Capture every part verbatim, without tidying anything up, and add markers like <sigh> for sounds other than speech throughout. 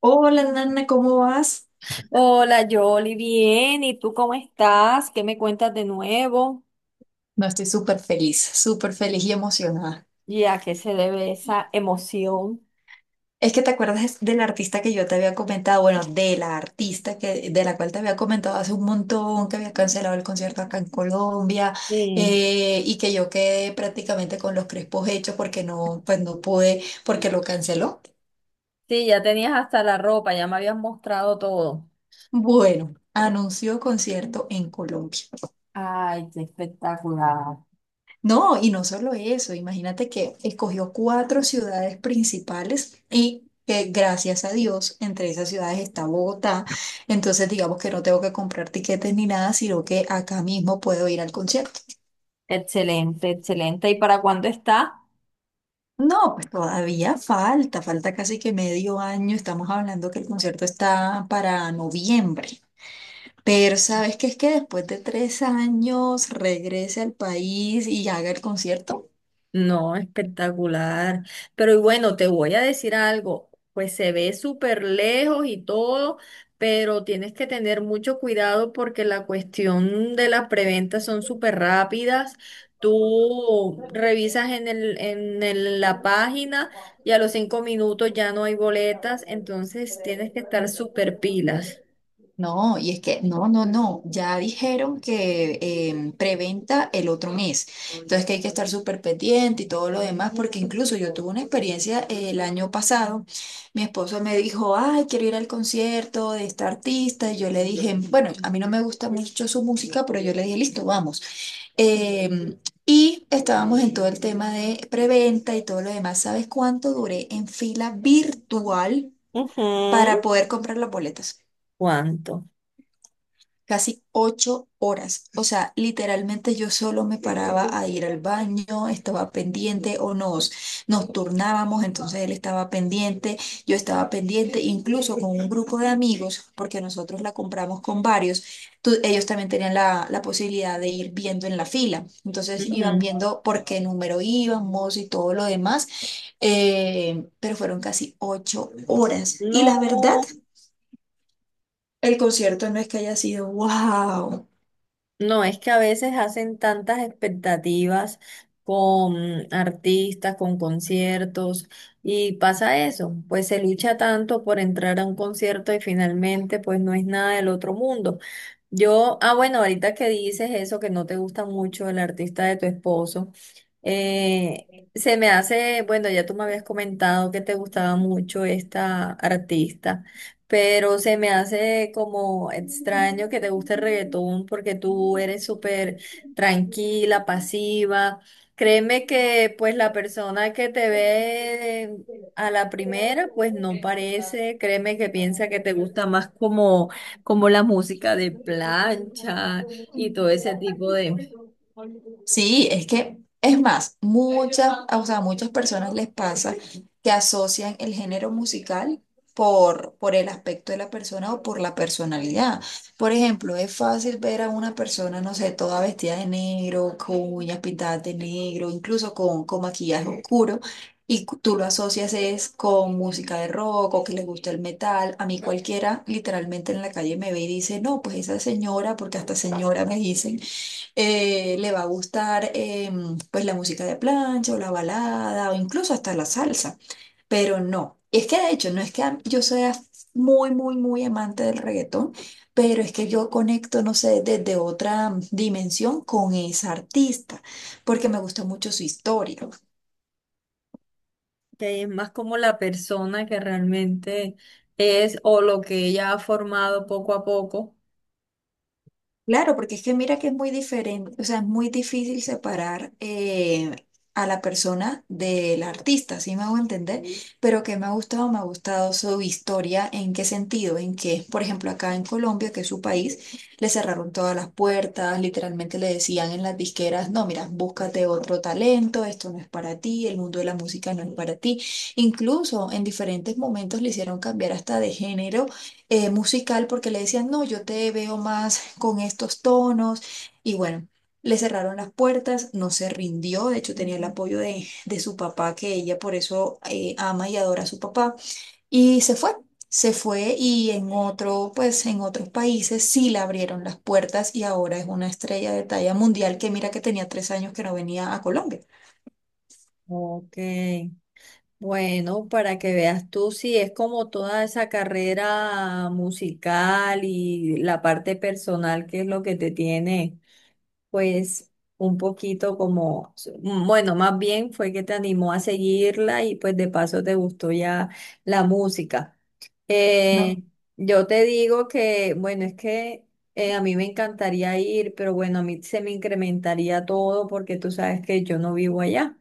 Hola, Nana, ¿cómo vas? Hola, Yoli, bien. ¿Y tú cómo estás? ¿Qué me cuentas de nuevo? No, estoy súper feliz, súper feliz y emocionada. ¿Y a qué se debe esa emoción? Es que te acuerdas de la artista que yo te había comentado, bueno, de la artista que, de la cual te había comentado hace un montón, que había cancelado el concierto acá en Colombia, Sí. eh, y que yo quedé prácticamente con los crespos hechos porque no, pues no pude, porque lo canceló. Sí, ya tenías hasta la ropa, ya me habías mostrado todo. Bueno, anunció concierto en Colombia. Ay, qué espectacular. No, y no solo eso, imagínate que escogió cuatro ciudades principales y que gracias a Dios entre esas ciudades está Bogotá, entonces digamos que no tengo que comprar tiquetes ni nada, sino que acá mismo puedo ir al concierto. Excelente, excelente. ¿Y para cuándo está? No, pues todavía falta, falta casi que medio año, estamos hablando que el concierto está para noviembre. Pero sabes qué es que después de tres años regrese al país y haga el concierto. No, espectacular. Pero y bueno, te voy a decir algo, pues se ve súper lejos y todo, pero tienes que tener mucho cuidado porque la cuestión de las preventas son súper rápidas. Tú revisas en el, en el- la página y a los cinco minutos ya no hay boletas, entonces tienes que estar súper pilas. No, y es que, no, no, no, ya dijeron que em, preventa el otro mes. Entonces que hay que estar súper pendiente y todo lo demás, porque incluso yo tuve una experiencia eh, el año pasado. Mi esposo me dijo, ay, quiero ir al concierto de esta artista. Y yo le dije, bueno, a mí no me gusta mucho su música, pero yo le dije, listo, vamos. Em, y estábamos en todo el tema de preventa y todo lo demás. ¿Sabes cuánto duré en fila virtual para Ujú. poder comprar las boletas? ¿Cuánto? Casi ocho horas. O sea, literalmente yo solo me paraba a ir al baño, estaba pendiente o nos, nos turnábamos, entonces él estaba pendiente, yo estaba pendiente, incluso con un grupo de amigos, porque nosotros la compramos con varios, tu- ellos también tenían la, la posibilidad de ir viendo en la fila. Entonces iban Ujú. viendo por qué número íbamos y todo lo demás, eh, pero fueron casi ocho horas. Y la verdad, No. el concierto no es que haya sido wow. No, es que a veces hacen tantas expectativas con artistas, con conciertos, y pasa eso, pues se lucha tanto por entrar a un concierto y finalmente pues no es nada del otro mundo. Yo, ah, bueno, ahorita que dices eso, que no te gusta mucho el artista de tu esposo, eh, se me hace, bueno, ya tú me habías comentado que te gustaba mucho esta artista pero se me hace como extraño que te guste el reggaetón porque tú eres súper tranquila, pasiva. Créeme que pues la persona que te ve a la primera pues no parece, créeme que piensa que te gusta más como, como la música de plancha y todo ese tipo de... Sí, es que, es más, muchas, o sea, a muchas personas les pasa que asocian el género musical por, por el aspecto de la persona o por la personalidad. Por ejemplo, es fácil ver a una persona, no sé, toda vestida de negro, con uñas pintadas de negro, incluso con, con maquillaje oscuro. Y cu- tú lo asocias es con música de rock o que les gusta el metal. A mí cualquiera literalmente en la calle me ve y dice, no, pues esa señora, porque hasta señora me dicen, eh, le va a gustar, em, pues, la música de plancha o la balada o incluso hasta la salsa. Pero no, es que de hecho no es que a- yo sea muy, muy, muy amante del reggaetón, pero es que yo conecto, no sé, desde otra dimensión con esa artista, porque me gusta mucho su historia. que es más como la persona que realmente es o lo que ella ha formado poco a poco. Claro, porque es que mira que es muy diferente, o sea, es muy difícil separar eh, a la persona del artista, ¿sí me hago entender? Ujú. Pero que me ha gustado, me ha gustado su historia, ¿en qué sentido? En que, por ejemplo, acá en Colombia, que es su país, le cerraron todas las puertas, literalmente le decían en las disqueras, no, mira, búscate otro talento, esto no es para ti, el mundo de la música no es para ti. Incluso en diferentes momentos le hicieron cambiar hasta de género, eh, musical, porque le decían, no, yo te veo más con estos tonos. Y bueno, le cerraron las puertas, no se rindió, de hecho tenía el apoyo de, de su papá, que ella por eso, eh, ama y adora a su papá, y se fue. Se fue y en otro, pues en otros países sí le abrieron las puertas y ahora es una estrella de talla mundial que mira que tenía tres años que no venía a Colombia. Ok. Bueno, para que veas tú, sí, es como toda esa carrera musical y la parte personal que es lo que te tiene, pues un poquito como, bueno, más bien fue que te animó a seguirla y pues de paso te gustó ya la música. no Eh, yo te digo que, bueno, es que eh, a mí me encantaría ir, pero bueno, a mí se me incrementaría todo porque tú sabes que yo no vivo allá.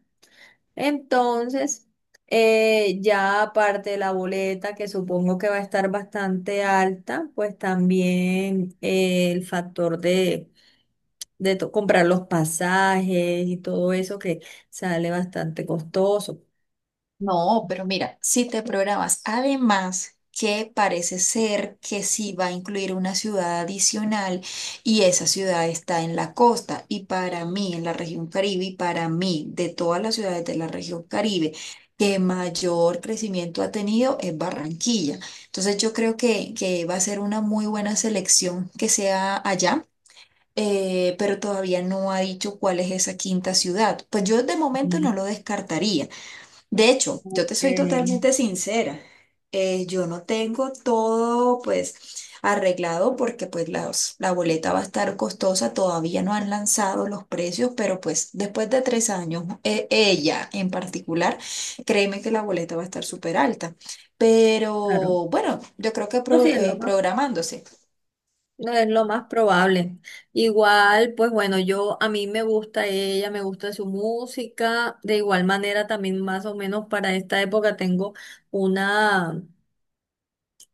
Entonces, eh, ya aparte de la boleta, que supongo que va a estar bastante alta, pues también eh, el factor de, de to- comprar los pasajes y todo eso que sale bastante costoso. No, pero mira, si te programas, además que parece ser que sí va a incluir una ciudad adicional y esa ciudad está en la costa y para mí, en la región Caribe, y para mí, de todas las ciudades de la región Caribe, que mayor crecimiento ha tenido es Barranquilla. Entonces yo creo que, que va a ser una muy buena selección que sea allá. Eh, pero todavía no ha dicho cuál es esa quinta ciudad. Pues yo de momento no Mm, lo descartaría. De hecho, yo te soy ok. totalmente sincera. Eh, yo no tengo todo, pues, arreglado, porque pues las- la boleta va a estar costosa. Todavía no han lanzado los precios, pero pues después de tres años, eh, ella en particular, créeme que la boleta va a estar súper alta. Claro. Pero bueno, yo creo que No, pro- sí, es lo eh, más, programándose. no es lo más probable. Igual, pues bueno, yo a mí me gusta ella, me gusta su música. De igual manera, también más o menos para esta época tengo una.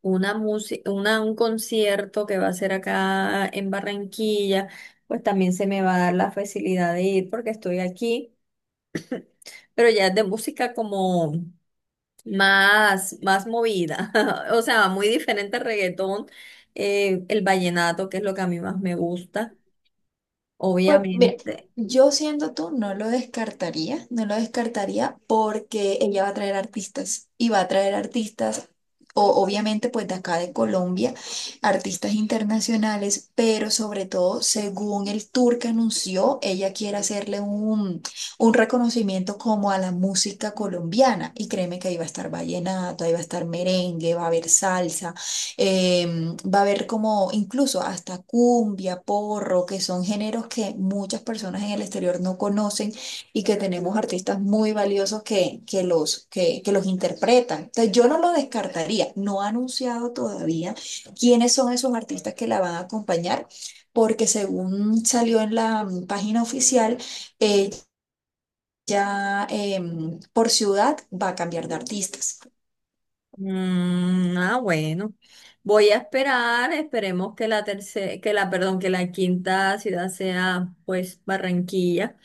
Una música, una, un concierto que va a ser acá en Barranquilla, pues también se me va a dar la facilidad de ir porque estoy aquí, pero ya es de música como más, más movida, <laughs> o sea, muy diferente al reggaetón, eh, el vallenato, que es lo que a mí más me gusta, Pues mira, obviamente. yo siendo tú no lo descartaría, no lo descartaría porque ella va a traer artistas y va a traer artistas, o, obviamente pues de acá de Colombia, artistas internacionales, pero sobre todo según el tour que anunció, ella quiere hacerle un, un reconocimiento como a la música colombiana, y créeme que ahí va a estar vallenato, ahí va a estar merengue, va a haber salsa. Em, va a haber como incluso hasta cumbia, porro, que son géneros que muchas personas en el exterior no conocen y que tenemos artistas muy valiosos que, que los, que, que los interpretan. Entonces yo no lo descartaría, no ha anunciado todavía quiénes son esos artistas que la van a acompañar, porque según salió en la mm, página oficial, ella, em, por ciudad, va a cambiar de artistas. Mm, ah, bueno. Voy a esperar, esperemos que la tercera, que la, perdón, que la quinta ciudad sea pues Barranquilla,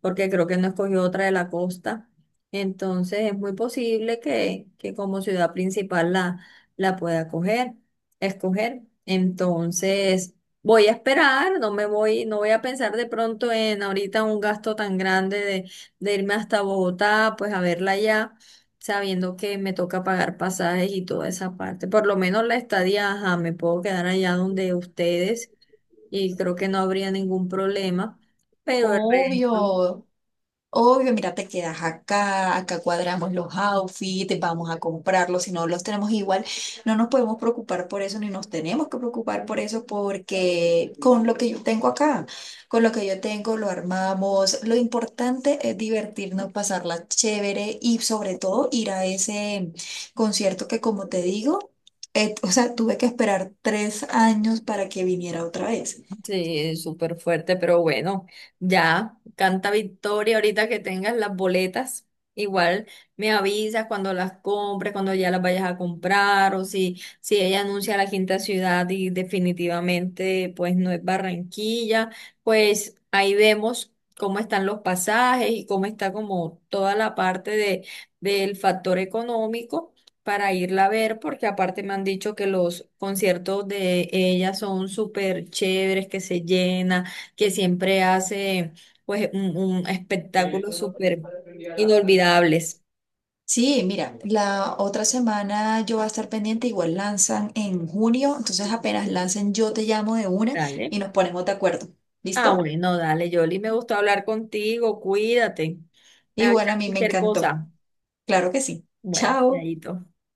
porque creo que no escogió otra de la costa. Entonces es muy posible que, que como ciudad principal la, la pueda coger, escoger. Entonces voy a esperar, no me voy, no voy a pensar de pronto en ahorita un gasto tan grande de, de irme hasta Bogotá, pues a verla allá sabiendo que me toca pagar pasajes y toda esa parte. Por lo menos la estadía, ajá, me puedo quedar allá donde ustedes y creo que no habría ningún problema, pero el resto. Obvio, obvio, mira, te quedas acá, acá cuadramos los outfits, vamos a comprarlos, si no los tenemos igual, no nos podemos preocupar por eso, ni nos tenemos que preocupar por eso, porque con lo que yo tengo acá, con lo que yo tengo, lo armamos. Lo importante es divertirnos, pasarla chévere y sobre todo ir a ese concierto que, como te digo, eh, o sea, tuve que esperar tres años para que viniera otra vez. Sí, súper fuerte, pero bueno, ya canta victoria ahorita que tengas las boletas. Igual me avisas cuando las compres, cuando ya las vayas a comprar o si, si ella anuncia la quinta ciudad y definitivamente pues no es Barranquilla, pues ahí vemos cómo están los pasajes y cómo está como toda la parte de, del factor económico para irla a ver, porque aparte me han dicho que los conciertos de ella son súper chéveres, que se llena, que siempre hace pues un, un espectáculo súper inolvidables. Sí, mira, la otra semana yo voy a estar pendiente, igual lanzan en junio, entonces apenas lancen yo te llamo de una Dale. y nos ponemos de acuerdo. Ah, ¿Listo? bueno, dale, Yoli, me gustó hablar contigo, cuídate. Me avisa Igual a mí me cualquier encantó. cosa. Claro que sí. Bueno, Chao. chaito.